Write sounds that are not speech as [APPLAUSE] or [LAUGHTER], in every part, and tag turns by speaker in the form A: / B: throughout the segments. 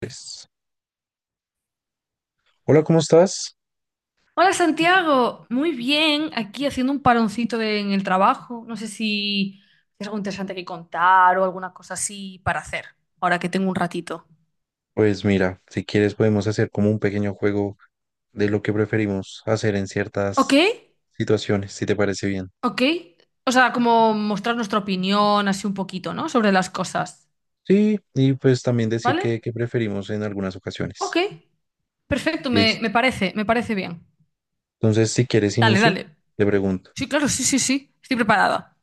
A: Pues, hola, ¿cómo estás?
B: Hola Santiago, muy bien, aquí haciendo un paroncito en el trabajo. No sé si es algo interesante que contar o alguna cosa así para hacer, ahora que tengo un ratito.
A: Pues mira, si quieres podemos hacer como un pequeño juego de lo que preferimos hacer en
B: Ok,
A: ciertas situaciones, si te parece bien.
B: ok. O sea, como mostrar nuestra opinión así un poquito, ¿no? Sobre las cosas,
A: Sí, y pues también decir
B: ¿vale?
A: que preferimos en algunas
B: Ok,
A: ocasiones.
B: perfecto,
A: Listo.
B: me parece bien.
A: Entonces, si quieres
B: Dale,
A: inicio,
B: dale.
A: te pregunto.
B: Sí, claro, sí, sí, sí, estoy preparada.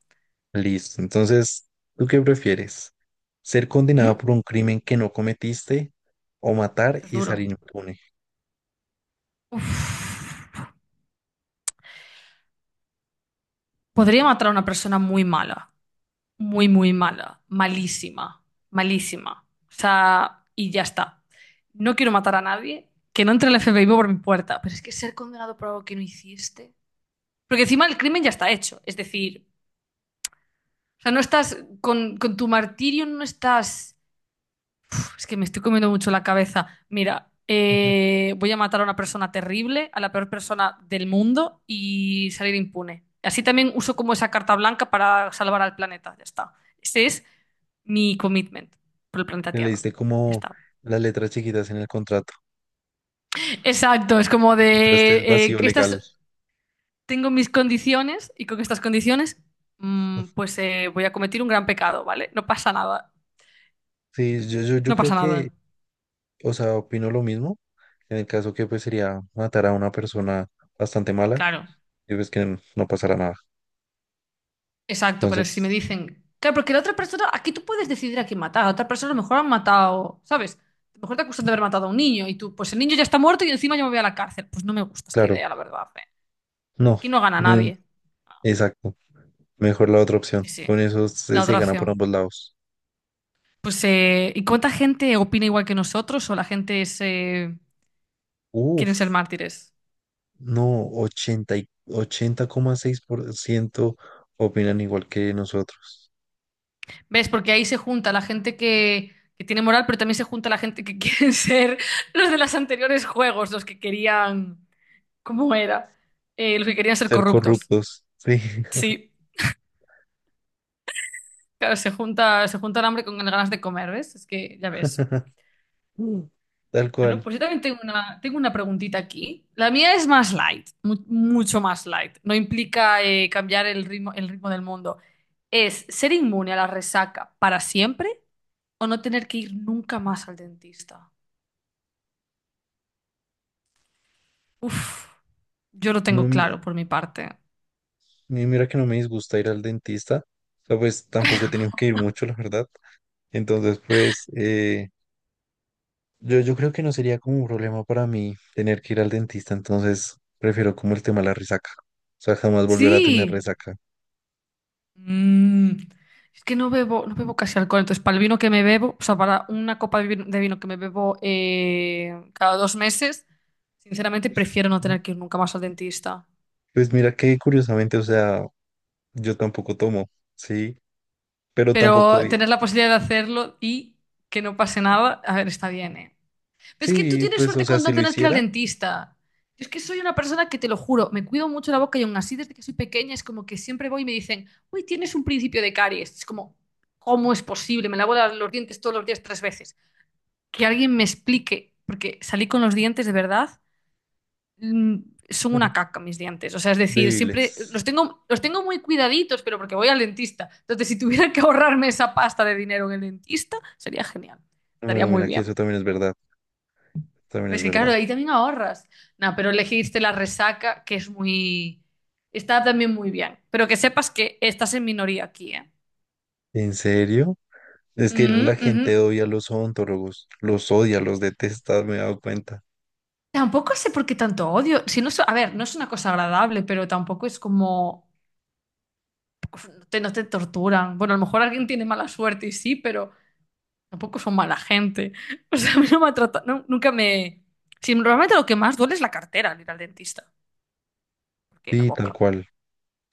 A: Listo. Entonces, ¿tú qué prefieres? ¿Ser condenado
B: Ujú.
A: por un crimen que no cometiste o matar
B: Eso es
A: y
B: duro.
A: salir impune?
B: Uf. Podría matar a una persona muy mala, muy, muy mala, malísima, malísima. O sea, y ya está. No quiero matar a nadie, que no entre el FBI por mi puerta, pero es que ser condenado por algo que no hiciste. Porque encima el crimen ya está hecho, es decir, o sea, no estás con tu martirio, no estás... Uf, es que me estoy comiendo mucho la cabeza. Mira,
A: [LAUGHS] Ujú.
B: voy a matar a una persona terrible, a la peor persona del mundo y salir impune. Así también uso como esa carta blanca para salvar al planeta, ya está. Ese es mi commitment por el planeta
A: Le
B: Tierra.
A: diste
B: Ya
A: como
B: está.
A: las letras chiquitas en el contrato.
B: Exacto, es como
A: Encontraste
B: de
A: el vacío legal.
B: estas tengo mis condiciones y con estas condiciones pues voy a cometer un gran pecado, ¿vale? No pasa nada,
A: Sí, yo
B: no
A: creo
B: pasa
A: que,
B: nada.
A: o sea, opino lo mismo, en el caso que pues sería matar a una persona bastante mala
B: Claro,
A: y pues que no pasará nada.
B: exacto, pero si me
A: Entonces,
B: dicen, claro, porque la otra persona, aquí tú puedes decidir a quién matar, a otra persona a lo mejor han matado, ¿sabes? A lo mejor te acusan de haber matado a un niño y tú, pues el niño ya está muerto y encima yo me voy a la cárcel. Pues no me gusta esta
A: claro,
B: idea, la verdad. ¿Eh?
A: no,
B: Aquí no gana
A: mm,
B: nadie.
A: exacto, mejor la otra opción.
B: Sí, sí.
A: Con eso se,
B: La
A: se
B: otra
A: gana por
B: opción.
A: ambos lados.
B: Pues, ¿y cuánta gente opina igual que nosotros o la gente es, quieren ser
A: Uf,
B: mártires?
A: no, 80,6% opinan igual que nosotros.
B: ¿Ves? Porque ahí se junta la gente que tiene moral, pero también se junta la gente que [LAUGHS] quieren ser los de los anteriores juegos, los que querían, ¿cómo era? Los que querían ser
A: Ser
B: corruptos.
A: corruptos, sí.
B: Sí, claro, se junta el hambre con las ganas de comer, ¿ves? Es que ya ves.
A: [LAUGHS] Mm, tal
B: Bueno,
A: cual.
B: pues yo también tengo una preguntita aquí. La mía es más light, mucho más light. No implica cambiar el ritmo del mundo. ¿Es ser inmune a la resaca para siempre o no tener que ir nunca más al dentista? Uf, yo lo
A: No,
B: tengo claro por mi parte.
A: y mira que no me disgusta ir al dentista, o sea, pues tampoco he tenido que ir mucho, la verdad. Entonces, pues yo creo que no sería como un problema para mí tener que ir al dentista, entonces prefiero como el tema de la resaca, o sea, jamás volver a tener
B: Sí.
A: resaca.
B: Mm, es que no bebo, no bebo casi alcohol. Entonces, para el vino que me bebo, o sea, para una copa de vino que me bebo cada 2 meses, sinceramente prefiero no
A: Ujú.
B: tener que ir nunca más al dentista.
A: Pues mira que curiosamente, o sea, yo tampoco tomo, ¿sí? Pero tampoco,
B: Pero tener la posibilidad de hacerlo y que no pase nada, a ver, está bien, ¿eh? Pero es que tú
A: sí,
B: tienes
A: pues, o
B: suerte
A: sea,
B: con
A: si
B: no
A: lo
B: tener que ir al
A: hiciera,
B: dentista. Yo es que soy una persona que, te lo juro, me cuido mucho la boca y aún así desde que soy pequeña es como que siempre voy y me dicen, uy, tienes un principio de caries. Es como, ¿cómo es posible? Me lavo los dientes todos los días 3 veces. Que alguien me explique, porque salí con los dientes de verdad mm, son una
A: [LAUGHS]
B: caca mis dientes. O sea, es decir,
A: débiles.
B: siempre los tengo muy cuidaditos, pero porque voy al dentista. Entonces, si tuviera que ahorrarme esa pasta de dinero en el dentista, sería genial. Estaría
A: Bueno,
B: muy
A: mira que eso
B: bien.
A: también es verdad, también es
B: Ves que claro,
A: verdad.
B: ahí también ahorras. No, pero elegiste la resaca, que es muy... Está también muy bien. Pero que sepas que estás en minoría aquí, ¿eh?
A: ¿En serio? Es que
B: Ujú,
A: la
B: ujú.
A: gente odia a los odontólogos, los odia, los detesta, me he dado cuenta.
B: Tampoco sé por qué tanto odio. Si no, a ver, no es una cosa agradable, pero tampoco es como... no te torturan. Bueno, a lo mejor alguien tiene mala suerte y sí, pero... Tampoco son mala gente. [LAUGHS] O sea, a mí no me ha tratado, nunca me... Sí, normalmente lo que más duele es la cartera al ir al dentista, porque la
A: Sí, tal
B: boca.
A: cual.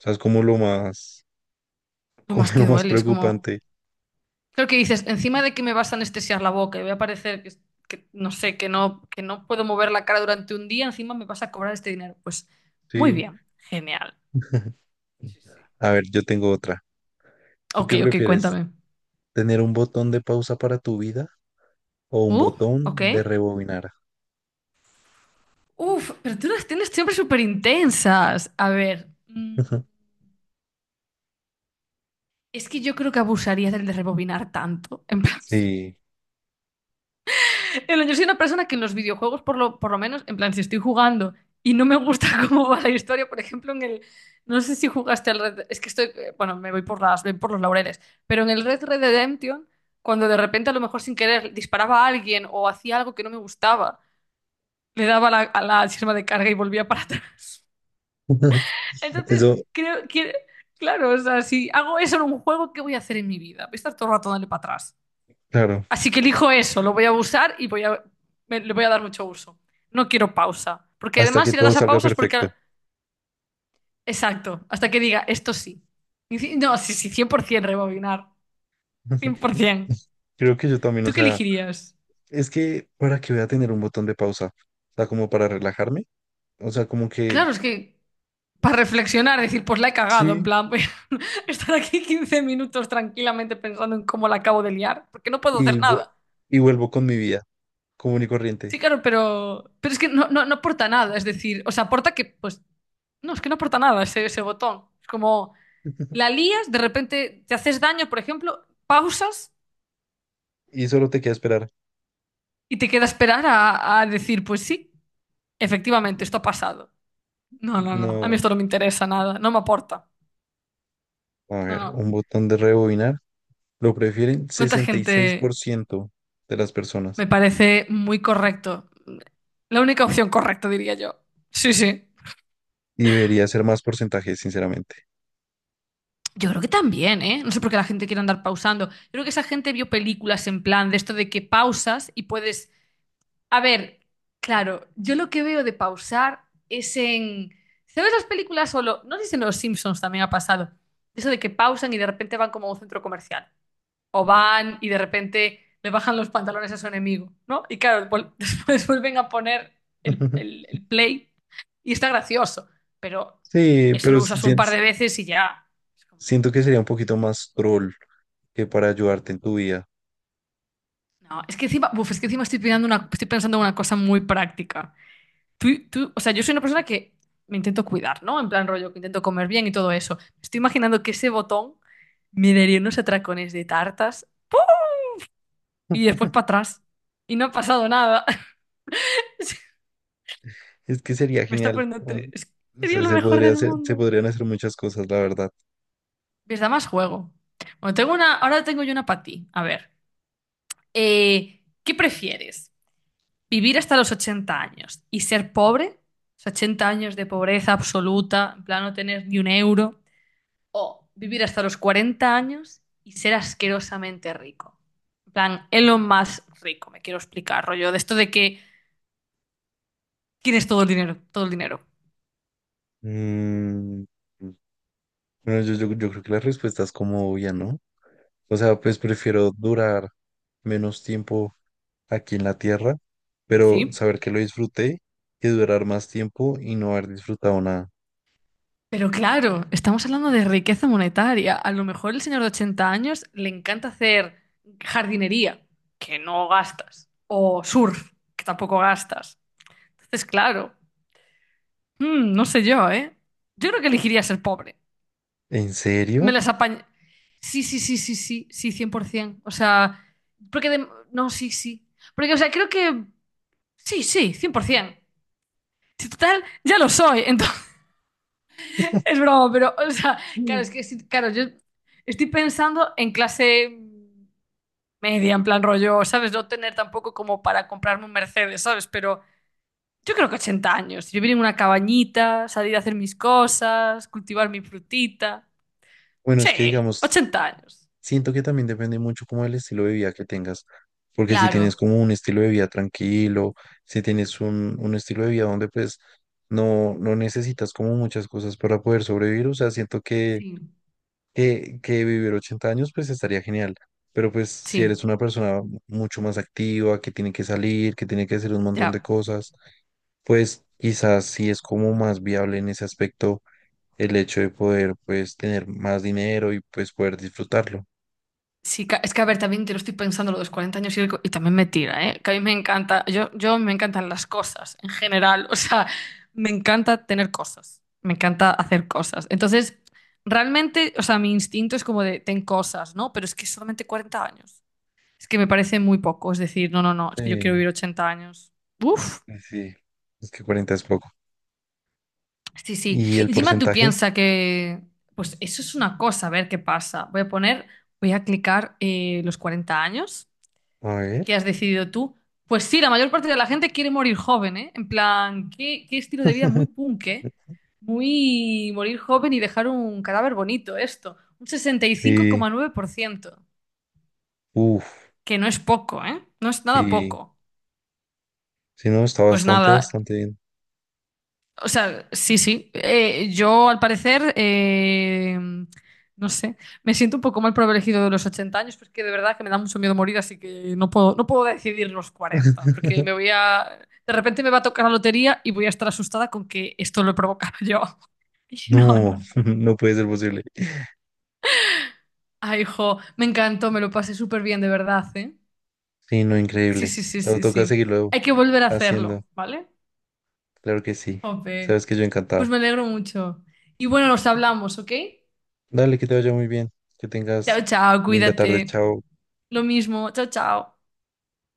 A: O sea, es como lo más,
B: Lo
A: como
B: más
A: [LAUGHS]
B: que
A: lo más
B: duele es como...
A: preocupante.
B: Creo que dices, encima de que me vas a anestesiar la boca y voy a parecer que no sé, que no puedo mover la cara durante un día, encima me vas a cobrar este dinero. Pues muy
A: Sí.
B: bien, genial. Sí, sí.
A: A ver, yo tengo otra. ¿Tú
B: Ok,
A: qué
B: ok,
A: prefieres?
B: cuéntame.
A: ¿Tener un botón de pausa para tu vida o un
B: Uh, ok.
A: botón de rebobinar?
B: Uf, pero tú las tienes siempre súper intensas. A ver,
A: [LAUGHS]
B: es que yo creo que abusaría del de rebobinar tanto. [LAUGHS]
A: Sí.
B: Yo soy una persona que en los videojuegos, por lo menos, en plan, si estoy jugando y no me gusta [LAUGHS] cómo va la historia, por ejemplo, en el. No sé si jugaste al Red. Es que estoy. Bueno, me voy por voy por los laureles. Pero en el Red Redemption, cuando de repente, a lo mejor sin querer, disparaba a alguien o hacía algo que no me gustaba, le daba a a la sirma de carga y volvía para atrás.
A: [LAUGHS]
B: [LAUGHS] Entonces,
A: Eso,
B: creo que. Claro, o sea, si hago eso en un juego, ¿qué voy a hacer en mi vida? Voy a estar todo el rato dándole para atrás.
A: claro,
B: Así que elijo eso, lo voy a usar y voy a, le voy a dar mucho uso. No quiero pausa, porque
A: hasta
B: además
A: que
B: si le
A: todo
B: das a
A: salga
B: pausa es
A: perfecto.
B: porque... Exacto, hasta que diga, esto sí. No, sí, sí, 100% rebobinar,
A: [LAUGHS]
B: 100%.
A: Creo que yo también, o
B: ¿Tú qué
A: sea,
B: elegirías?
A: es que para que voy a tener un botón de pausa, o sea, como para relajarme, o sea, como que
B: Claro, es que para reflexionar, decir, pues la he cagado, en
A: sí,
B: plan, voy a [LAUGHS] estar aquí 15 minutos tranquilamente pensando en cómo la acabo de liar, porque no puedo hacer
A: y, vu-
B: nada.
A: y vuelvo con mi vida común y corriente.
B: Sí, claro, pero es que no, no, no aporta nada, es decir, o sea, aporta que, pues, no, es que no aporta nada ese, ese botón. Es como... La
A: [LAUGHS]
B: lías, de repente te haces daño, por ejemplo, pausas
A: Y solo te queda esperar.
B: y te queda esperar a decir, pues sí, efectivamente, esto ha pasado. No, no, no, a mí
A: No.
B: esto no me interesa nada, no me aporta.
A: A
B: No,
A: ver,
B: no.
A: un botón de rebobinar. Lo prefieren
B: ¿Cuánta
A: sesenta y seis
B: gente
A: por ciento de las personas.
B: me parece muy correcto? La única opción correcta, diría yo. Sí, sí.
A: Y debería ser más porcentaje, sinceramente.
B: Yo creo que también, ¿eh? No sé por qué la gente quiere andar pausando. Yo creo que esa gente vio películas en plan de esto de que pausas y puedes. A ver, claro, yo lo que veo de pausar es en... ¿Sabes las películas solo? No sé si en Los Simpsons también ha pasado. Eso de que pausan y de repente van como a un centro comercial. O van y de repente le bajan los pantalones a su enemigo, ¿no? Y claro, [LAUGHS] después vuelven a poner
A: [LAUGHS]
B: el play y está gracioso. Pero
A: Sí,
B: eso
A: pero
B: lo usas un par de veces y ya. Es como,
A: siento que sería un poquito más troll que para ayudarte en tu vida.
B: no, es que encima, uf, es que encima estoy pensando una, estoy pensando en una cosa muy práctica. O sea, yo soy una persona que me intento cuidar, ¿no? En plan rollo, que intento comer bien y todo eso. Me estoy imaginando que ese botón me daría unos atracones de tartas y después para atrás. Y no ha pasado nada. [LAUGHS]
A: Es que sería
B: Me está
A: genial.
B: poniendo
A: O
B: es que sería
A: sea,
B: lo mejor del
A: se
B: mundo.
A: podrían hacer muchas cosas, la verdad.
B: ¿Ves? Da más juego. Bueno, tengo una, ahora tengo yo una para ti. A ver, ¿qué prefieres? ¿Vivir hasta los 80 años y ser pobre? O sea, 80 años de pobreza absoluta, en plan no tener ni un euro. O vivir hasta los 40 años y ser asquerosamente rico. En plan, Elon más rico, me quiero explicar, rollo, de esto de que tienes todo el dinero, todo el dinero.
A: Mm, bueno, yo creo que la respuesta es como obvia, ¿no? O sea, pues prefiero durar menos tiempo aquí en la tierra, pero
B: Sí.
A: saber que lo disfruté que durar más tiempo y no haber disfrutado nada.
B: Pero claro, estamos hablando de riqueza monetaria. A lo mejor el señor de 80 años le encanta hacer jardinería, que no gastas, o surf, que tampoco gastas. Entonces, claro, no sé yo, ¿eh? Yo creo que elegiría ser pobre.
A: ¿En
B: Me
A: serio?
B: las apañé. Sí, sí, sí, sí, sí, sí, 100%. O sea, porque de... No, sí, sí. Porque, o sea, creo que... Sí, sí, 100%. Si total, ya lo soy. Entonces, [LAUGHS] es broma, pero, o sea, claro,
A: Mm.
B: es que, sí, claro, yo estoy pensando en clase media, en plan rollo, ¿sabes? No tener tampoco como para comprarme un Mercedes, ¿sabes? Pero yo creo que 80 años. Vivir en una cabañita, salir a hacer mis cosas, cultivar mi frutita.
A: Bueno, es
B: Sí,
A: que digamos,
B: 80 años.
A: siento que también depende mucho como el estilo de vida que tengas, porque si tienes
B: Claro.
A: como un estilo de vida tranquilo, si tienes un estilo de vida donde pues no, no necesitas como muchas cosas para poder sobrevivir, o sea, siento que
B: Sí.
A: que vivir 80 años pues estaría genial, pero pues si
B: Sí,
A: eres una persona mucho más activa, que tiene que salir, que tiene que hacer un montón de
B: ya.
A: cosas, pues quizás sí es como más viable en ese aspecto el hecho de poder pues tener más dinero y pues poder disfrutarlo.
B: Sí, es que a ver, también te lo estoy pensando lo de los 40 años y también me tira, ¿eh? Que a mí me encanta, yo me encantan las cosas en general, [LAUGHS] o sea, me encanta tener cosas, me encanta hacer cosas. Entonces, realmente, o sea, mi instinto es como de, ten cosas, ¿no? Pero es que solamente 40 años. Es que me parece muy poco, es decir, no, no, no, es que yo quiero
A: Sí,
B: vivir 80 años. Uf,
A: sí, sí, es que 40 es poco.
B: sí, sí.
A: ¿Y el
B: Encima tú
A: porcentaje?
B: piensas que, pues eso es una cosa, a ver qué pasa. Voy a poner, voy a clicar los 40 años.
A: A
B: Que has
A: ver.
B: decidido tú. Pues sí, la mayor parte de la gente quiere morir joven, ¿eh? En plan, qué, qué estilo de vida muy
A: [LAUGHS]
B: punk, ¿eh? Muy morir joven y dejar un cadáver bonito, esto. Un sesenta y cinco
A: Sí,
B: coma nueve por ciento
A: uff,
B: que no es poco, ¿eh? No es nada
A: sí,
B: poco.
A: sí, no, está
B: Pues
A: bastante,
B: nada,
A: bastante bien.
B: o sea, sí, sí. Yo, al parecer, no sé, me siento un poco mal por haber elegido de los 80 años, porque de verdad que me da mucho miedo morir, así que no puedo, no puedo decidir los 40, porque
A: [LAUGHS]
B: me voy a... De repente me va a tocar la lotería y voy a estar asustada con que esto lo he provocado yo. [LAUGHS] No, no,
A: No,
B: no.
A: [LAUGHS] no puede ser posible.
B: Ay, hijo, me encantó, me lo pasé súper bien, de verdad, ¿eh?
A: Sí, no,
B: Sí,
A: increíble.
B: sí, sí,
A: Pero
B: sí,
A: toca
B: sí.
A: seguirlo
B: Hay que volver a
A: haciendo.
B: hacerlo, ¿vale?
A: Claro que sí. Sabes
B: Jope.
A: que yo
B: Pues
A: encantado.
B: me alegro mucho. Y bueno, nos hablamos, ¿ok?
A: Dale, que te vaya muy bien. Que
B: Chao,
A: tengas
B: chao,
A: linda tarde.
B: cuídate.
A: Chao.
B: Lo mismo, chao, chao.